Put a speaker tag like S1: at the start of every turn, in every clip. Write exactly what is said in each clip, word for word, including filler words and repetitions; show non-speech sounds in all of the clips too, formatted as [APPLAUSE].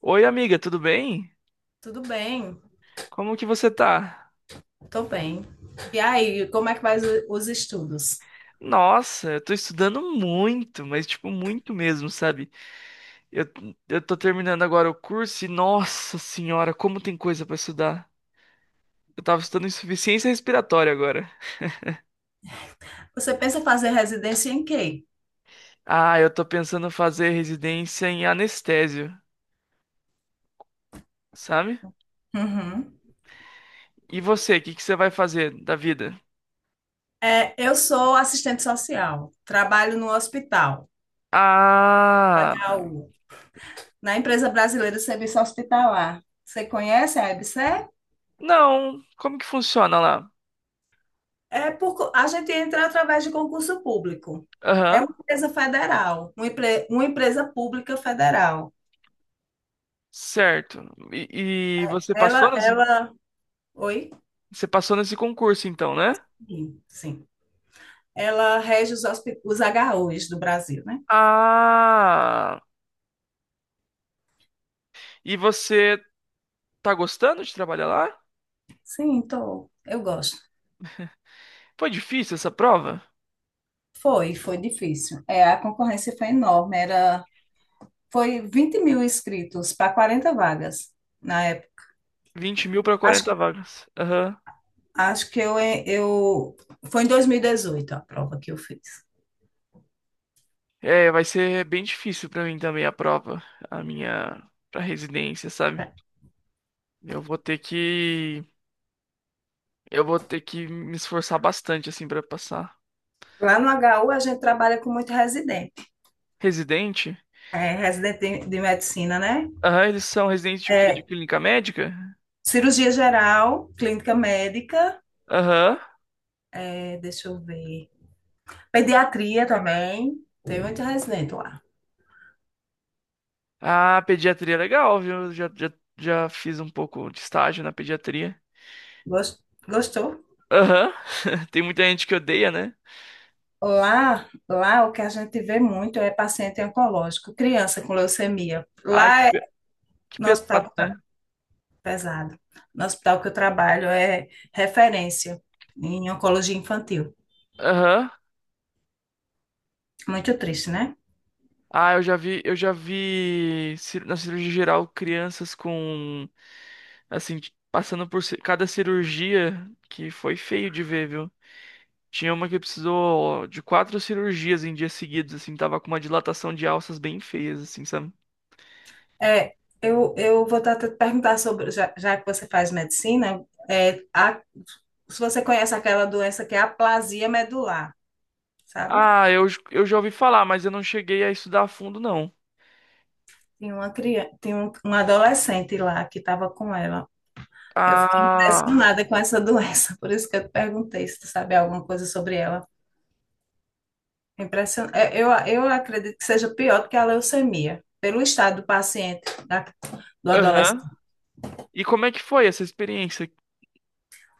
S1: Oi, amiga, tudo bem?
S2: Tudo bem,
S1: Como que você tá?
S2: tô bem. E aí, como é que vai os os estudos?
S1: Nossa, eu tô estudando muito, mas tipo, muito mesmo, sabe? Eu, eu tô terminando agora o curso e, nossa senhora, como tem coisa pra estudar. Eu tava estudando insuficiência respiratória agora.
S2: Você pensa em fazer residência em quê?
S1: Ah, eu tô pensando fazer residência em anestésio, sabe?
S2: Uhum.
S1: E você, o que que você vai fazer da vida?
S2: É, eu sou assistente social, trabalho no hospital,
S1: Ah,
S2: H U, na Empresa Brasileira de Serviço Hospitalar. Você conhece a EBSER?
S1: não, como que funciona lá?
S2: É por, co- a gente entra através de concurso público. É
S1: Aham,
S2: uma empresa federal, uma, empre- uma empresa pública federal.
S1: certo. E, e você passou?
S2: Ela, ela, Oi?
S1: Você passou nesse concurso, então, né?
S2: Sim. Sim. Ela rege os, hospi- os H Us do Brasil, né?
S1: Ah! E você tá gostando de trabalhar lá?
S2: Sim, tô. Eu gosto.
S1: Foi difícil essa prova?
S2: Foi, foi difícil. É, a concorrência foi enorme. Era, foi vinte mil inscritos para quarenta vagas na época.
S1: Vinte mil para
S2: Acho,
S1: quarenta vagas. Aham.
S2: Acho que eu, é, eu. Foi em dois mil e dezoito a prova que eu fiz.
S1: É, vai ser bem difícil para mim também a prova, a minha pra residência, sabe? Eu vou ter que eu vou ter que me esforçar bastante assim para passar.
S2: Lá no H U a gente trabalha com muito residente,
S1: Residente?
S2: é, residente de, de medicina, né?
S1: Aham, eles são residentes de o quê? De
S2: É,
S1: clínica médica?
S2: cirurgia geral, clínica médica,
S1: Aham.
S2: é, deixa eu ver, pediatria também. Tem muito residente lá.
S1: Ah, pediatria é legal, viu? Já, já, já fiz um pouco de estágio na pediatria.
S2: Gos- Gostou?
S1: Aham. [LAUGHS] Tem muita gente que odeia, né?
S2: Lá, lá o que a gente vê muito é paciente oncológico, criança com leucemia.
S1: Ai, que,
S2: Lá é,
S1: pe- que
S2: no hospital que
S1: pesado,
S2: eu
S1: né?
S2: tra- Pesado. No hospital que eu trabalho é referência em oncologia infantil.
S1: Aham.
S2: Muito triste, né?
S1: Ah, eu já vi, eu já vi cir- na cirurgia geral crianças com, assim, t- passando por ci- cada cirurgia que foi feio de ver, viu? Tinha uma que precisou de quatro cirurgias em dias seguidos, assim, tava com uma dilatação de alças bem feias, assim, sabe?
S2: É, eu, eu vou até te perguntar sobre, já, já que você faz medicina, é, a- se você conhece aquela doença que é a aplasia medular, sabe?
S1: Ah, eu, j- eu já ouvi falar, mas eu não cheguei a estudar a fundo, não.
S2: Tem uma criança, tem um, um adolescente lá que estava com ela. Eu fiquei
S1: Ah,
S2: impressionada com essa [LAUGHS] doença, por isso que eu te perguntei se tu sabe alguma coisa sobre ela. É Impression... é, Eu, eu acredito que seja pior do que a leucemia, pelo estado do paciente, da- do
S1: aham.
S2: adolescente.
S1: E como é que foi essa experiência?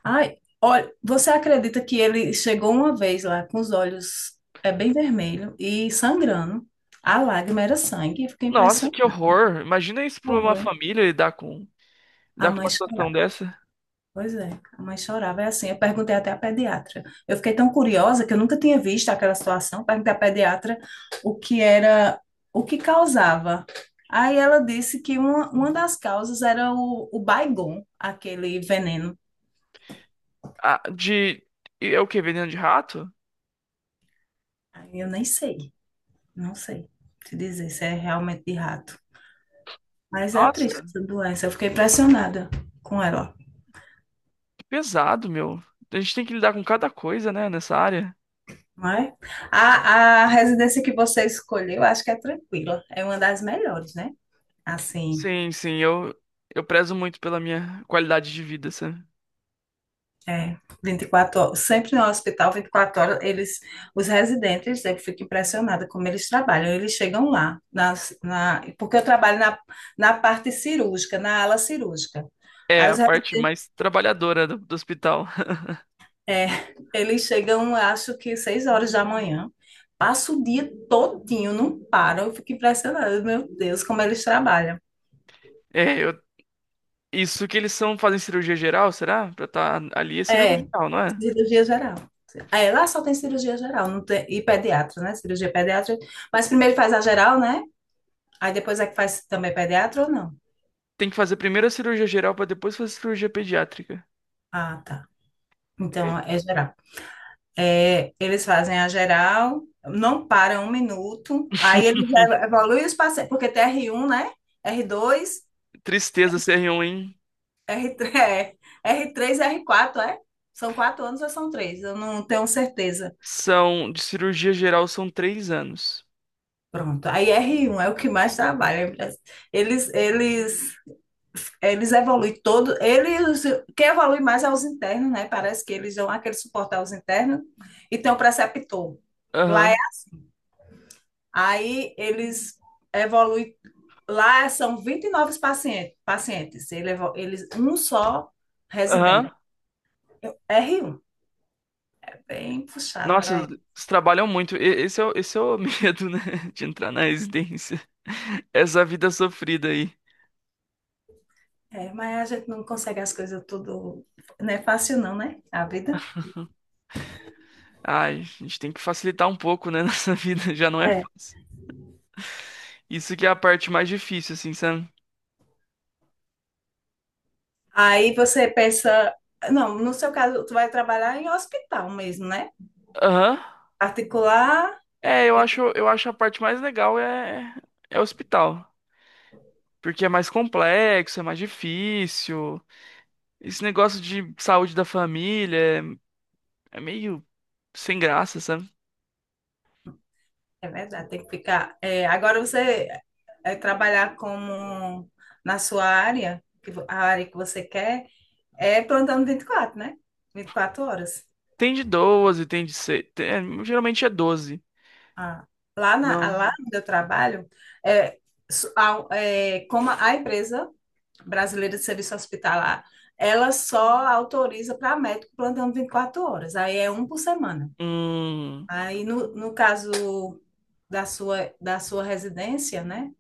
S2: Ai, olha, você acredita que ele chegou uma vez lá com os olhos é, bem vermelho e sangrando? A lágrima era sangue, eu fiquei
S1: Nossa, que
S2: impressionada.
S1: horror. Imagina isso pra uma
S2: Foi.
S1: família lidar com,
S2: A
S1: lidar com
S2: mãe
S1: uma situação dessa.
S2: pois é, a mãe chorava. É assim, eu perguntei até à pediatra. Eu fiquei tão curiosa que eu nunca tinha visto aquela situação. Perguntei à pediatra o que era, o que causava. Aí ela disse que uma, uma das causas era o, o Baygon, aquele veneno.
S1: Ah, de. É o quê? Veneno de rato?
S2: Aí eu nem sei, Não sei te dizer se é realmente de rato. Mas é triste
S1: Nossa,
S2: essa doença, eu fiquei impressionada com ela.
S1: que pesado, meu. A gente tem que lidar com cada coisa, né, nessa área.
S2: Não é? A, a residência que você escolheu, acho que é tranquila. É uma das melhores, né? Assim,
S1: Sim, sim, eu, eu prezo muito pela minha qualidade de vida, sabe?
S2: é, vinte e quatro horas, sempre no hospital, vinte e quatro horas, eles, os residentes, eu fico impressionada como eles trabalham, eles chegam lá, nas, na, porque eu trabalho na, na parte cirúrgica, na ala cirúrgica.
S1: É
S2: Aí os,
S1: a
S2: re-
S1: parte mais trabalhadora do, do hospital. [LAUGHS]
S2: é, Eles chegam, acho que seis horas da manhã, passa o dia todinho, não param, eu fico impressionada, meu Deus, como eles trabalham.
S1: É, eu- isso que eles são, fazem cirurgia geral, será? Pra estar ali é cirurgia
S2: É,
S1: geral, não é?
S2: cirurgia geral. É, lá só tem cirurgia geral, não tem, e pediatra, né? Cirurgia pediátrica. Mas primeiro faz a geral, né? Aí depois é que faz também pediatra ou não?
S1: Tem que fazer primeiro a cirurgia geral pra depois fazer a cirurgia pediátrica.
S2: Ah, tá.
S1: É.
S2: Então é geral. É, eles fazem a geral, não param um minuto, aí eles
S1: [LAUGHS]
S2: ev- evoluem os pacientes, porque tem r um, né? R dois,
S1: Tristeza ser ruim
S2: r três, [LAUGHS] é, R três, R quatro, é? São quatro anos ou são três? Eu não tenho certeza.
S1: são de cirurgia geral são três anos.
S2: Pronto. Aí r um é o que mais trabalha. Eles, eles Eles evoluem todo, eles, quem evolui mais é os internos, né? Parece que eles dão aquele suporte aos internos e tem o preceptor. Lá é,
S1: Aham,
S2: aí Eles evoluem, lá são vinte e nove pacientes, pacientes. Ele evo- eles, um só
S1: aham.
S2: residente. Eu- r um é bem puxado
S1: Nossa,
S2: para ele.
S1: eles trabalham muito. E- Esse é, o- esse é o [LAUGHS] medo, né? De entrar na residência. Essa vida sofrida aí.
S2: É, mas a gente não consegue as coisas tudo, não é fácil não, né? A vida.
S1: Ai, a gente tem que facilitar um pouco, né? [LAUGHS] Nossa vida já não é
S2: É.
S1: fácil. Isso que é a parte mais difícil, assim, sabe?
S2: Aí você pensa, não, no seu caso, tu vai trabalhar em hospital mesmo, né?
S1: Aham.
S2: Particular,
S1: É, eu acho, eu acho a parte mais legal é, é hospital. Porque é mais complexo, é mais difícil. Esse negócio de saúde da família é é meio sem graça, sabe?
S2: é verdade, tem que ficar. É, agora você é, trabalhar como na sua área, que vo- a área que você quer, é plantando vinte e quatro, né? Vinte e quatro horas.
S1: Tem de doze, tem de seis. Geralmente é doze.
S2: Ah, lá, na, ah,
S1: Não.
S2: lá onde eu trabalho, é, su- a- é, como a empresa brasileira de serviço hospitalar, ela só autoriza para médico plantando vinte e quatro horas, aí é um por semana.
S1: Hum.
S2: Aí, no, no caso da sua, da sua residência, né?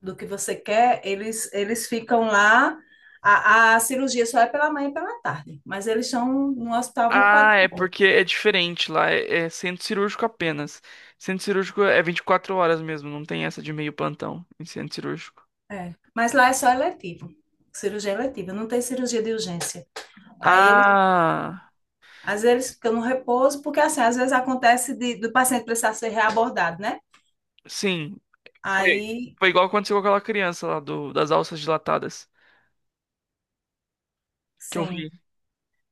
S2: Do que você quer, eles, eles ficam lá. A, a cirurgia só é pela manhã e pela tarde, mas eles estão no hospital vinte e
S1: Ah,
S2: quatro
S1: é
S2: horas.
S1: porque é diferente lá. É, é centro cirúrgico apenas. Centro cirúrgico é vinte e quatro horas mesmo. Não tem essa de meio plantão em centro cirúrgico.
S2: É. Mas lá é só eletivo, cirurgia eletiva, não tem cirurgia de urgência. Aí eles,
S1: Ah,
S2: às vezes, eles ficam no repouso, porque assim, às vezes acontece de, do paciente precisar ser reabordado, né?
S1: sim. Foi,
S2: Aí,
S1: Foi igual aconteceu com aquela criança lá do, das alças dilatadas que eu
S2: sim,
S1: vi.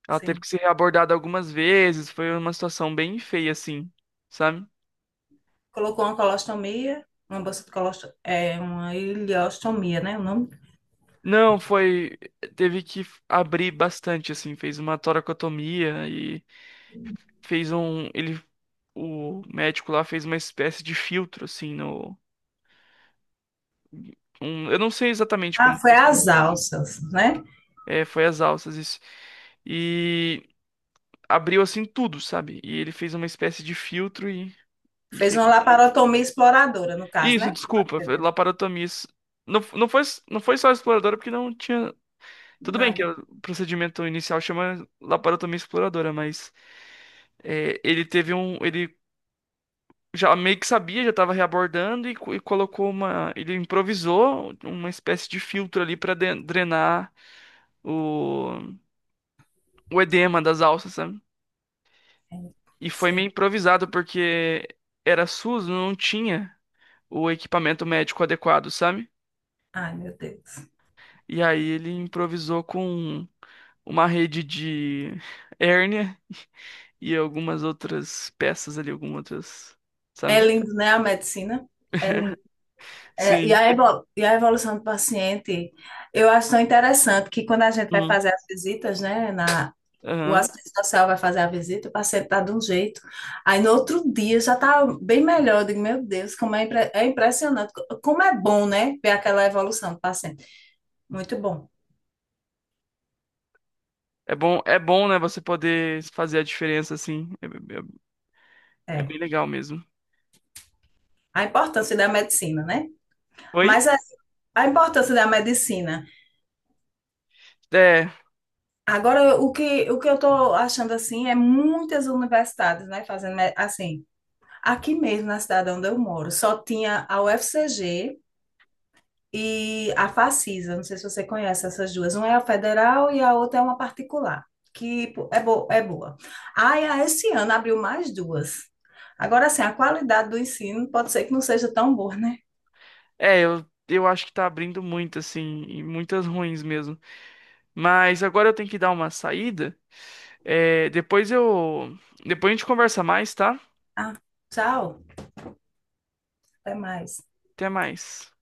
S1: Ela teve
S2: sim.
S1: que ser abordada algumas vezes. Foi uma situação bem feia, assim. Sabe?
S2: Colocou uma colostomia, uma bolsa de colostomia, é, uma ileostomia, né? O nome?
S1: Não, foi. Teve que abrir bastante, assim. Fez uma toracotomia e fez um. Ele. O médico lá fez uma espécie de filtro, assim, no. Um- eu não sei exatamente
S2: Ah,
S1: como
S2: foi as
S1: funciona.
S2: alças, né?
S1: É, foi as alças, isso. E abriu, assim, tudo, sabe? E ele fez uma espécie de filtro e. e
S2: Fez uma
S1: que-
S2: laparotomia exploradora, no caso,
S1: Isso,
S2: né?
S1: desculpa, foi laparotomia. Isso- Não, não foi, não foi só exploradora, porque não tinha. Tudo bem que
S2: Nada.
S1: o procedimento inicial chama laparotomia exploradora, mas é, ele teve um. Ele já meio que sabia, já estava reabordando e, co- e colocou uma. Ele improvisou uma espécie de filtro ali para drenar o, o edema das alças, sabe?
S2: É, não
S1: E foi meio
S2: sei.
S1: improvisado porque era SUS, não tinha o equipamento médico adequado, sabe?
S2: Ai, meu Deus.
S1: E aí ele improvisou com uma rede de hérnia e algumas outras peças ali, algumas outras,
S2: É
S1: sabe?
S2: lindo, né, a medicina? É lindo. É, e
S1: Sim.
S2: a evol- e a evolução do paciente, eu acho tão interessante que quando a gente vai
S1: Hum.
S2: fazer as visitas, né, na, o
S1: Aham.
S2: assistente social vai fazer a visita, o paciente tá de um jeito, aí no outro dia já tá bem melhor. Eu digo, meu Deus, como é, impre- é impressionante, co- como é bom, né, ver aquela evolução do paciente. Muito bom.
S1: É bom, é bom, né, você poder fazer a diferença assim. É, é- é bem
S2: É.
S1: legal mesmo.
S2: A importância da medicina, né?
S1: Oi?
S2: Mas assim, a importância da medicina.
S1: É,
S2: Agora, o que, o que eu estou achando assim é muitas universidades, né, fazendo me- assim. Aqui mesmo na cidade onde eu moro, só tinha a U F C G e a Facisa. Não sei se você conhece essas duas. Uma é a federal e a outra é uma particular, que pô, é boa, é boa. Aí, a esse ano abriu mais duas. Agora, assim, a qualidade do ensino pode ser que não seja tão boa, né?
S1: é, eu, eu acho que tá abrindo muito, assim, e muitas ruins mesmo. Mas agora eu tenho que dar uma saída. É, depois eu. Depois a gente conversa mais, tá?
S2: Ah, tchau, até mais.
S1: Até mais.